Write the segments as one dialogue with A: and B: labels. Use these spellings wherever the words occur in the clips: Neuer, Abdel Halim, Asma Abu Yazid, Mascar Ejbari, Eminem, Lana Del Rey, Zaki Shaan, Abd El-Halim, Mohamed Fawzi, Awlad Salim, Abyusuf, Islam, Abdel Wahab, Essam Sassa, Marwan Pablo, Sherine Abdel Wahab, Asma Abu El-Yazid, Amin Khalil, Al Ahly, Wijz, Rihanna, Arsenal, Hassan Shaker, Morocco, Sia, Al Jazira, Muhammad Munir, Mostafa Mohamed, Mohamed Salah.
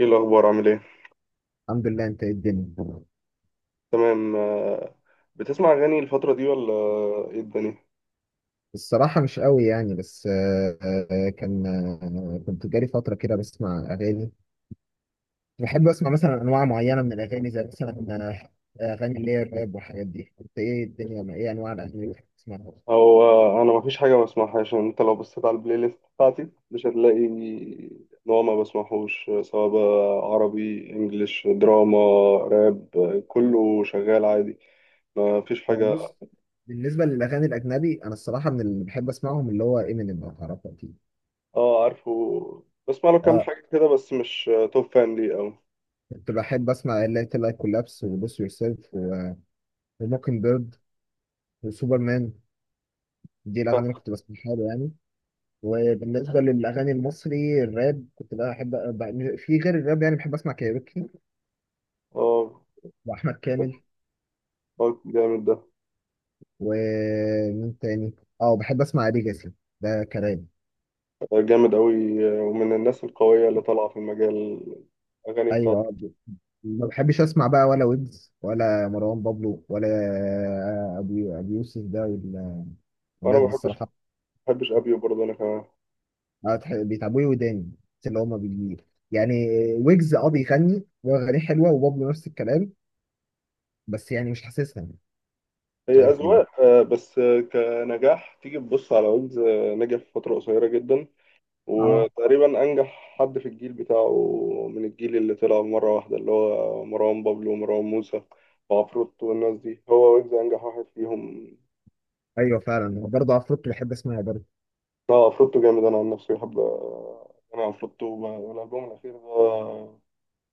A: ايه الاخبار؟ عامل ايه؟
B: الحمد لله. انت ايه الدنيا؟
A: تمام بتسمع اغاني الفتره دي ولا؟ ايه الدنيا؟
B: الصراحه مش قوي يعني. بس آه، آه، كان آه، كنت جالي فتره كده بسمع اغاني. بحب اسمع مثلا انواع معينه من الاغاني، زي مثلا اغاني اللي هي الراب والحاجات دي. انت ايه الدنيا؟ ايه انواع الاغاني اللي بتحب تسمعها؟
A: هو انا مفيش حاجه ما بسمعهاش يعني، انت لو بصيت على البلاي ليست بتاعتي مش هتلاقي نوع ما بسمعهوش، سواء بقى عربي انجليش دراما راب، كله شغال عادي، مفيش حاجه.
B: بص، بالنسبه للاغاني الاجنبي انا الصراحه من اللي بحب اسمعهم اللي هو امينيم، لو تعرفه اكيد.
A: اه عارفه، بسمع له كام
B: اه،
A: حاجه كده بس مش توب فان ليه أوي.
B: كنت بحب اسمع اللي هي لايك كولابس، وبوس يور سيلف، وموكن بيرد، وسوبرمان. دي الاغاني اللي
A: فاهم.
B: كنت بسمعها له يعني. وبالنسبة للأغاني المصري الراب كنت بقى أحب. بقى في غير الراب يعني بحب أسمع كايروكي،
A: اه،
B: وأحمد كامل،
A: جامد ده.
B: ومين تاني؟ أه، بحب أسمع ليجاسي، ده كلام.
A: جامد قوي، ومن الناس القويه اللي طالعه في المجال، الاغاني.
B: أيوه آه، ما بحبش أسمع بقى ولا ويجز ولا مروان بابلو ولا أبي يوسف ده
A: وانا
B: والناس
A: ما
B: دي
A: بحبش،
B: الصراحة.
A: ابيو برضه انا كمان.
B: بيتعبوا لي وداني، بس اللي هما بي يعني. ويجز أه بيغني وأغانيه حلوة، وبابلو نفس الكلام، بس يعني مش حاسسها. مش
A: هي
B: عارف ليه.
A: اذواق، بس كنجاح تيجي تبص على ويجز، نجح في فتره قصيره جدا،
B: اه،
A: وتقريبا انجح حد في الجيل بتاعه، من الجيل اللي طلع مره واحده اللي هو مروان بابلو ومروان موسى وعفروتو والناس دي، هو ويجز انجح واحد فيهم.
B: ايوه فعلا، برضه افروت بحب اسمعها برضه.
A: ده عفروتو جامد، انا عن نفسي بحب، انا عفروتو والالبوم الاخير ده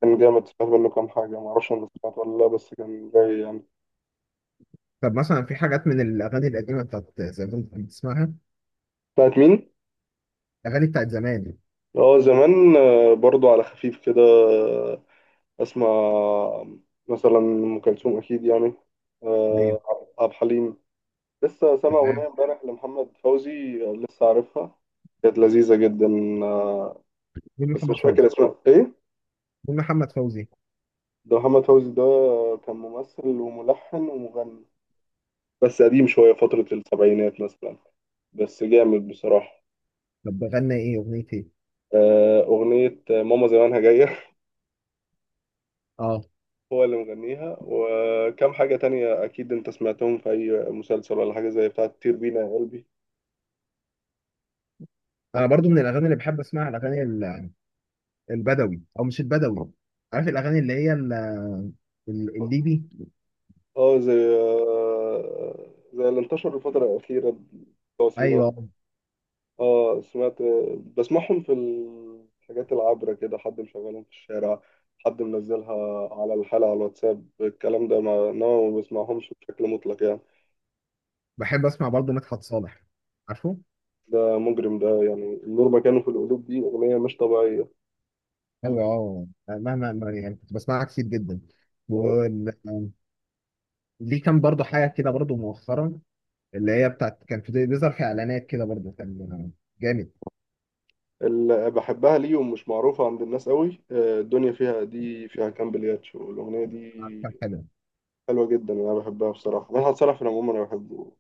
A: كان جامد، سمعت منه كام حاجه، ما اعرفش انا سمعت ولا لا، بس كان جاي يعني.
B: طب مثلا في حاجات من الاغاني القديمه بتاعت زمان كنت بتسمعها؟
A: بتاعت مين؟
B: اغاني بتاعت زمان.
A: اه زمان، برضو على خفيف كده، اسمع، مثلا ام كلثوم اكيد يعني،
B: ايوه.
A: آه، عبد الحليم. لسه سامع
B: تمام.
A: اغنيه امبارح لمحمد فوزي، لسه عارفها، كانت لذيذه جدا، آه،
B: مين
A: بس
B: محمد
A: مش فاكر
B: فوزي؟
A: اسمها ايه.
B: مين محمد فوزي؟
A: ده محمد فوزي ده كان ممثل وملحن ومغني، بس قديم شويه، فتره السبعينات مثلا، بس جامد بصراحه.
B: طب بغنى ايه؟ اغنيه ايه؟
A: اغنيه ماما زمانها جايه،
B: اه،
A: هو اللي مغنيها، وكم حاجة تانية أكيد أنت سمعتهم في أي مسلسل ولا حاجة، زي بتاعة طير بينا يا قلبي.
B: انا برضه من الاغاني اللي بحب اسمعها الاغاني البدوي، او مش البدوي. عارف الاغاني اللي هي الليبي؟
A: اه، زي زي اللي انتشر الفترة الأخيرة بتوع سينا.
B: ايوه.
A: اه سمعت، بسمعهم في الحاجات العابرة كده، حد مشغلهم في الشارع، حد منزلها على الحالة على الواتساب الكلام ده، ما إنما ما بسمعهمش بشكل مطلق يعني.
B: بحب اسمع برضه مدحت صالح، عارفه؟
A: ده مجرم ده، يعني النور مكانه في القلوب دي أغنية مش طبيعية.
B: ايوه، اه، مهما ما- يعني كنت بسمعها كتير جدا.
A: آه،
B: وليه كان برضه حاجه كده برضه مؤخرا، اللي هي بتاعت كان في بيظهر في اعلانات كده برضه، كان جامد.
A: اللي بحبها ليهم مش معروفة عند الناس قوي، الدنيا فيها، دي فيها كام بلياتشو، الأغنية
B: عارف، كان
A: دي
B: حلو.
A: حلوة جدا، أنا بحبها بصراحة. مدحت صالح في العموم أنا بحبه،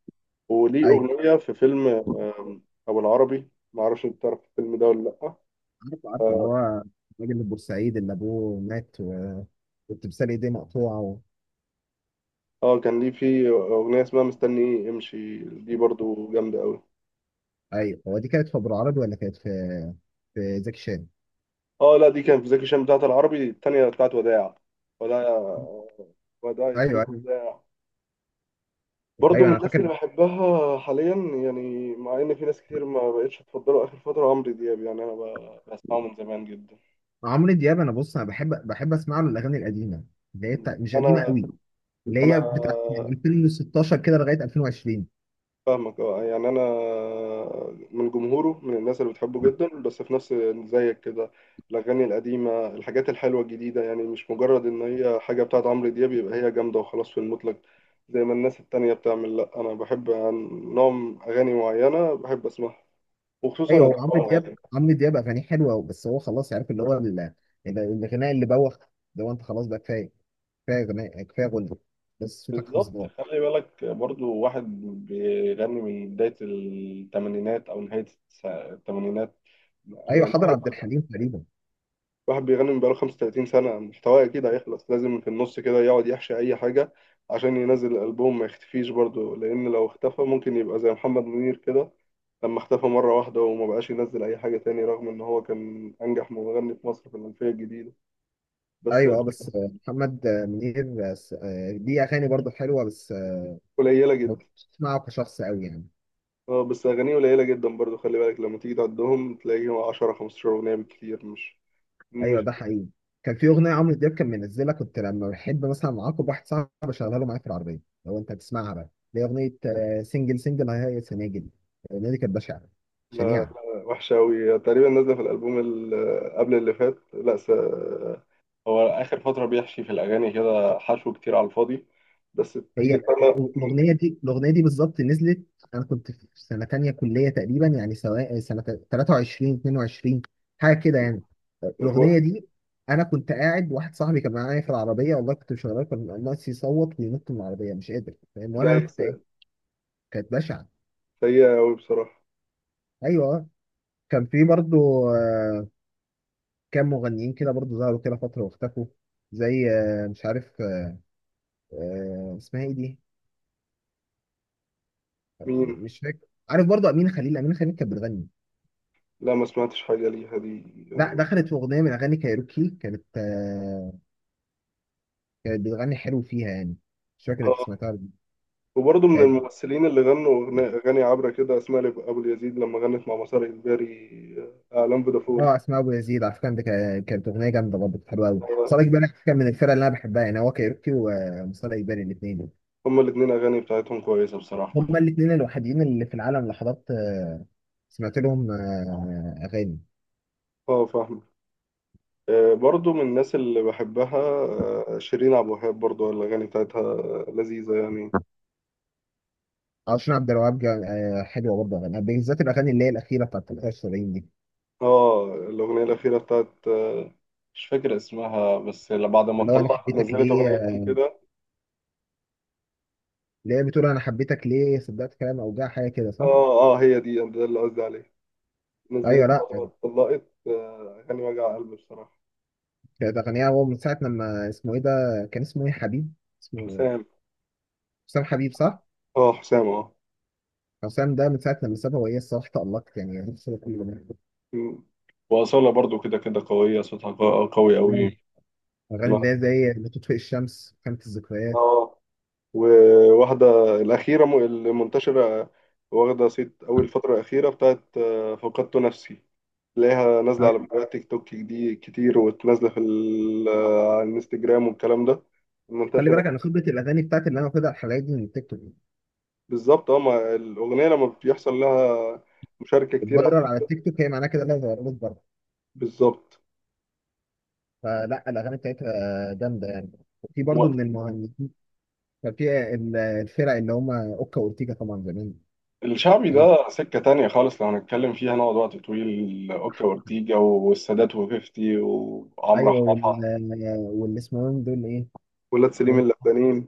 A: وليه
B: ايوه،
A: أغنية في فيلم أبو العربي، معرفش أنت تعرف الفيلم ده ولا لأ.
B: عارف، عارف، اللي
A: اه،
B: هو الراجل البورسعيد اللي ابوه مات والتمثال ايديه مقطوعه و...
A: كان ليه في أغنية اسمها مستني إيه امشي، دي برضو جامدة قوي.
B: ايوه، هو دي كانت في ابو العربي ولا كانت في في زكي شان؟
A: اه لا، دي كان في زكي شان، بتاعت العربي التانية بتاعت وداع، وداع، وداع يا حلو
B: ايوه، ايوه.
A: وداع. برضو
B: ايوه،
A: من
B: انا
A: الناس اللي
B: فاكر.
A: بحبها حاليا، يعني مع ان في ناس كتير ما بقتش تفضله اخر فتره عمرو دياب، يعني انا بسمعه من زمان جدا.
B: عمرو دياب انا بص، انا بحب اسمع له الاغاني القديمه، اللي هي بتاع... مش قديمه
A: انا،
B: قوي،
A: انا
B: اللي هي بتاعت من 2016 كده لغايه 2020.
A: فاهمك، اه يعني انا من جمهوره، من الناس اللي بتحبه جدا، بس في نفس، زيك كده، الاغاني القديمه الحاجات الحلوه الجديده، يعني مش مجرد ان هي حاجه بتاعت عمرو دياب يبقى هي جامده وخلاص في المطلق، زي ما الناس التانية بتعمل. لا انا بحب نوع اغاني معينه بحب اسمعها، وخصوصا
B: ايوه، هو عمرو
A: الدراما.
B: دياب، عمرو دياب اغانيه حلوه، بس هو خلاص عارف اللي هو الغناء اللي بوخ ده، هو انت خلاص بقى، كفايه، كفايه غناء، كفايه غنى. بس صوتك خمس
A: بالظبط،
B: دقايق.
A: خلي بالك برضو، واحد بيغني من بداية الثمانينات أو نهاية الثمانينات،
B: ايوه،
A: يعني
B: حضر
A: واحد،
B: عبد الحليم تقريبا.
A: واحد بيغني من بقاله 35 سنة، محتواه أكيد هيخلص، لازم في النص كده يقعد يحشي أي حاجة عشان ينزل الألبوم ما يختفيش برضو، لأن لو اختفى ممكن يبقى زي محمد منير كده لما اختفى مرة واحدة وما بقاش ينزل أي حاجة تاني، رغم إن هو كان أنجح مغني في مصر في الألفية الجديدة. بس،
B: ايوه آه، بس آه، محمد آه، منير آه، س- آه، ليه اغاني برضه حلوه بس آه،
A: قليلة
B: ما
A: جدا.
B: كنتش بسمعه كشخص قوي يعني.
A: اه، بس اغانيه قليله جدا برضو، خلي بالك لما تيجي تعدهم تلاقيهم 10 15 اغنيه بالكتير، مش
B: ايوه،
A: مش
B: ده حقيقي. كان في اغنيه عمرو دياب كان منزلها، كنت لما بحب مثلا اعاقب واحد صاحبي بشغلها له معايا في العربيه. لو انت هتسمعها بقى، اللي هي اغنيه سنجل سنجل هاي هاي سناجل. الاغنيه دي كانت بشعه،
A: لا لا،
B: شنيعه.
A: وحشه قوي، تقريبا نازله في الالبوم اللي قبل اللي فات، لا س... هو اخر فتره بيحشي في الاغاني كده حشو كتير على الفاضي، بس تيجي
B: هي
A: تسمع.
B: الاغنيه دي الاغنيه دي بالظبط نزلت، انا كنت في سنه تانية كليه تقريبا، يعني سواء سنه 23 22، حاجه كده يعني.
A: من هو-
B: الاغنيه دي انا كنت قاعد، واحد صاحبي كان معايا في العربيه، والله كنت مشغلها كان ناقص يصوت وينط من العربيه مش قادر، فاهم ولا؟ انا
A: لا
B: كنت قاعد.
A: س-
B: كانت بشعه.
A: سيئه قوي بصراحه.
B: ايوه آه. كان في برضو كام مغنيين كده برضو ظهروا كده فتره واختفوا، زي مش عارف اسمها ايه دي،
A: مين؟
B: مش فاكر. عارف برضو امين خليل؟ امين خليل كانت بتغني،
A: لا ما سمعتش حاجه ليها دي
B: لا
A: يعني.
B: دخلت في اغنيه من اغاني كايروكي، كانت آه، كانت بتغني حلو فيها يعني. مش فاكر انت
A: اه،
B: سمعتها ولا لأ.
A: وبرضه من
B: كانت
A: الممثلين اللي غنوا اغاني عبره كده، اسماء ابو اليزيد لما غنت مع مسار اجباري، اعلان فودافون.
B: اه، اسماء ابو يزيد على فكره دي كانت اغنيه جامده، برضه كانت حلوه قوي. صالح جبالي على فكرة كان من الفرق اللي انا بحبها يعني، هو كايروكي ومصطفى جبالي الاثنين.
A: هما الاتنين أغاني بتاعتهم كويسة بصراحة.
B: هما الاثنين الوحيدين اللي في العالم اللي حضرت آه، سمعت لهم آه اغاني.
A: اه فاهم، برضو من الناس اللي بحبها، شيرين عبد الوهاب، برضو الأغاني بتاعتها لذيذة يعني.
B: عشان عبد الوهاب جا- آه، حلوه برضه اغاني، بالذات الاغاني اللي هي الاخيره بتاعت 73 دي،
A: اه، الأغنية الأخيرة بتاعت، مش فاكر اسمها، بس اللي بعد ما
B: اللي هو انا
A: اتطلقت
B: حبيتك
A: نزلت
B: ليه.
A: أغنيتين كده.
B: اللي هي بتقول انا حبيتك ليه صدقت كلام اوجاع حاجه كده، صح؟
A: اه اه، هي دي، ده اللي قصدي عليه،
B: ايوه.
A: نزلت
B: لا
A: بعد ما اتطلقت، أغاني وجع قلب بصراحة.
B: كانت أغنية، هو من ساعة لما اسمه إيه ده، كان اسمه إيه؟ حبيب اسمه؟
A: حسام،
B: حسام حبيب، صح؟
A: اه حسام اه.
B: حسام ده من ساعة لما سابها وهي الصراحة تألقت، يعني نفسي كل جميل.
A: م. وأصالة برضو كده كده قوية، صوتها قوي
B: مم.
A: أوي.
B: أغاني
A: ما-
B: اللي هي زي لا تطفئ الشمس، خانة الذكريات.
A: اه، وواحدة الأخيرة المنتشرة، واخدة صيت أول فترة الأخيرة بتاعت، فقدت نفسي، تلاقيها نازلة على
B: أيوة.
A: فيديوهات تيك توك دي كتير، وتنازلة في على الانستجرام والكلام ده،
B: خلي
A: منتشرة.
B: بالك أنا خبرة الأغاني بتاعتي اللي أنا واخدها الحلقات دي من التيك توك.
A: بالظبط اه، ما الأغنية لما بيحصل لها مشاركة كتير على
B: الفايرال
A: التيك
B: على
A: توك.
B: التيك توك هي معناها كده إنها اتغيرت بره.
A: بالظبط.
B: فلا الأغاني بتاعتها جامدة يعني. في برضه
A: و-
B: من المهندسين، كان في الفرق اللي هم أوكا وأورتيجا طبعا زمان.
A: الشعبي
B: حاجات-
A: ده سكة تانية خالص، لو هنتكلم فيها نقعد وقت طويل. أوكا وأورتيجا والسادات وفيفتي وعمرو
B: أيوه وال
A: حاحة،
B: واللي اسمهم دول إيه؟
A: ولاد سليم اللبنانيين،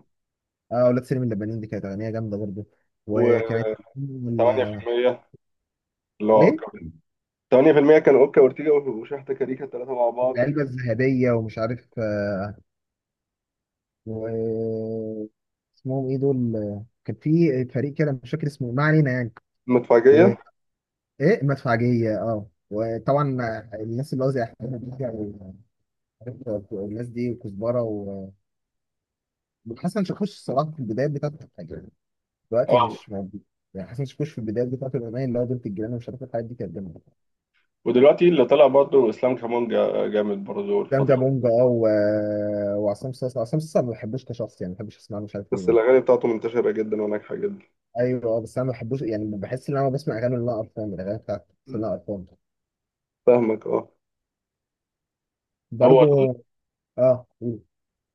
B: اه، اولاد سليم اللبنانيين، دي كانت اغنيه جامده برضه. وكانت وال-
A: و8% اللي هو
B: وايه،
A: اوكا. 8% كان اوكا اورتيجا وشحتة كاريكا، الثلاثه مع بعض.
B: العلبه الذهبيه، ومش عارف آه، و اسمهم ايه دول، كان في فريق كده مش فاكر اسمه، ما علينا يعني.
A: مدفعجيه،
B: وايه، مدفعجيه، اه. وطبعا الناس اللي قصدي احمد مكي عارف الناس دي، وكزبره وحسن شاكوش الصراحه في البدايات بتاعت الحاجه، دلوقتي
A: اه.
B: مش موجود. يعني حسن شاكوش في البدايات بتاعت الاغنيه اللي هو بنت الجيران ومش عارف الحاجات دي كانت جامده.
A: ودلوقتي اللي طلع برضه اسلام كمان جامد برضه
B: ده
A: الفترة،
B: بونج اه وعصام صاصا. عصام صاصا ما بحبوش كشخص يعني، ما بحبش اسمع له مش عارف ليه.
A: بس الاغاني بتاعته منتشره جدا وناجحه جدا.
B: ايوه اه، بس انا ما بحبوش يعني، بحس ان انا بسمع اغاني اللي انا قرفان من الاغاني بتاعت بس اللي انا قرفان
A: فاهمك اه. هو ال-
B: برضه. اه،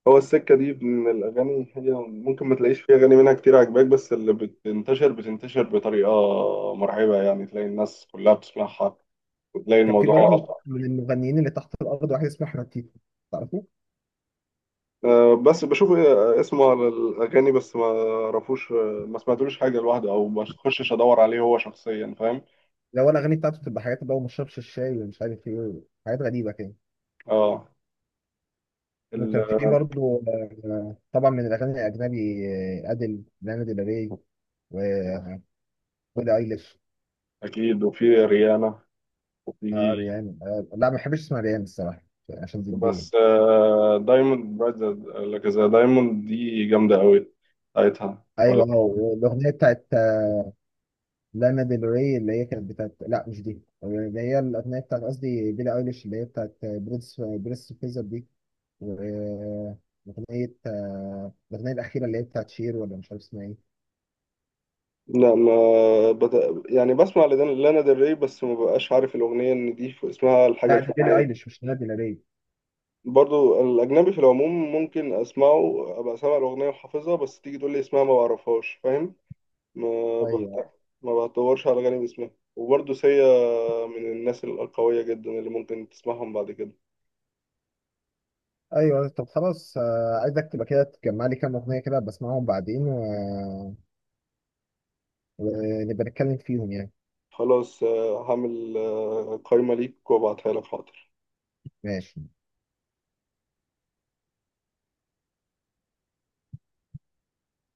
A: هو السكه دي من الاغاني، هي ممكن ما تلاقيش فيها اغاني منها كتير عجباك، بس اللي بتنتشر بتنتشر بطريقه مرعبه، يعني تلاقي الناس كلها بتسمعها وتلاقي
B: كان في
A: الموضوع.
B: برضه من المغنيين اللي تحت الارض واحد اسمه احمد تيتو، تعرفه؟
A: بس بشوف اسمه على الأغاني، بس ما اعرفوش، ما سمعتلوش حاجة لوحده، أو ما تخشش أدور عليه هو شخصيا، فاهم.
B: لو الاغاني بتاعته بتبقى حاجات بقى، وما شربش الشاي ومش عارف ايه، حاجات غريبه كده.
A: اه، ال-
B: وكان في برضه طبعا من الاغاني الاجنبي، ادل لانا ديل ري، و وبيلي ايليش.
A: أكيد، وفي ريانا،
B: اه
A: وفي،
B: ريان، آه لا ما بحبش اسمها ريان الصراحه، يعني عشان زنجيه.
A: بس دايموند برايت، لك زي دايموند دي جامدة أوي، بتاعتها ولا؟
B: ايوه، هو الاغنيه بتاعت لانا ديل ري اللي هي كانت بتاعت، لا مش دي، اللي هي الاغنيه بتاعت، قصدي بيلي ايليش، اللي هي بتاعت بريس بريس فيزر دي، واغنيه الاغنيه الاخيره اللي هي بتاعت شير، ولا مش عارف اسمها ايه.
A: لا ما بت... يعني بسمع لانا ديل ري، بس ما ببقاش عارف الأغنية إن دي اسمها الحاجة
B: لا دي بيلي
A: الفلانية.
B: ايليش مش لانا ديل ري.
A: برضو الأجنبي في العموم ممكن أسمعه أبقى سامع الأغنية وحافظها، بس تيجي تقول لي اسمها ما بعرفهاش فاهم. ما بحت...
B: ايوه،
A: ما بتطورش على جانب اسمها. وبرضو سيا، من الناس القوية جدا اللي ممكن تسمعهم بعد كده.
B: ايوه. طب خلاص، عايزك تبقى كده تجمع لي كام اغنيه كده بسمعهم بعدين ونبقى نتكلم فيهم يعني.
A: خلاص، هعمل قايمة ليك وأبعتها لك، حاضر.
B: ماشي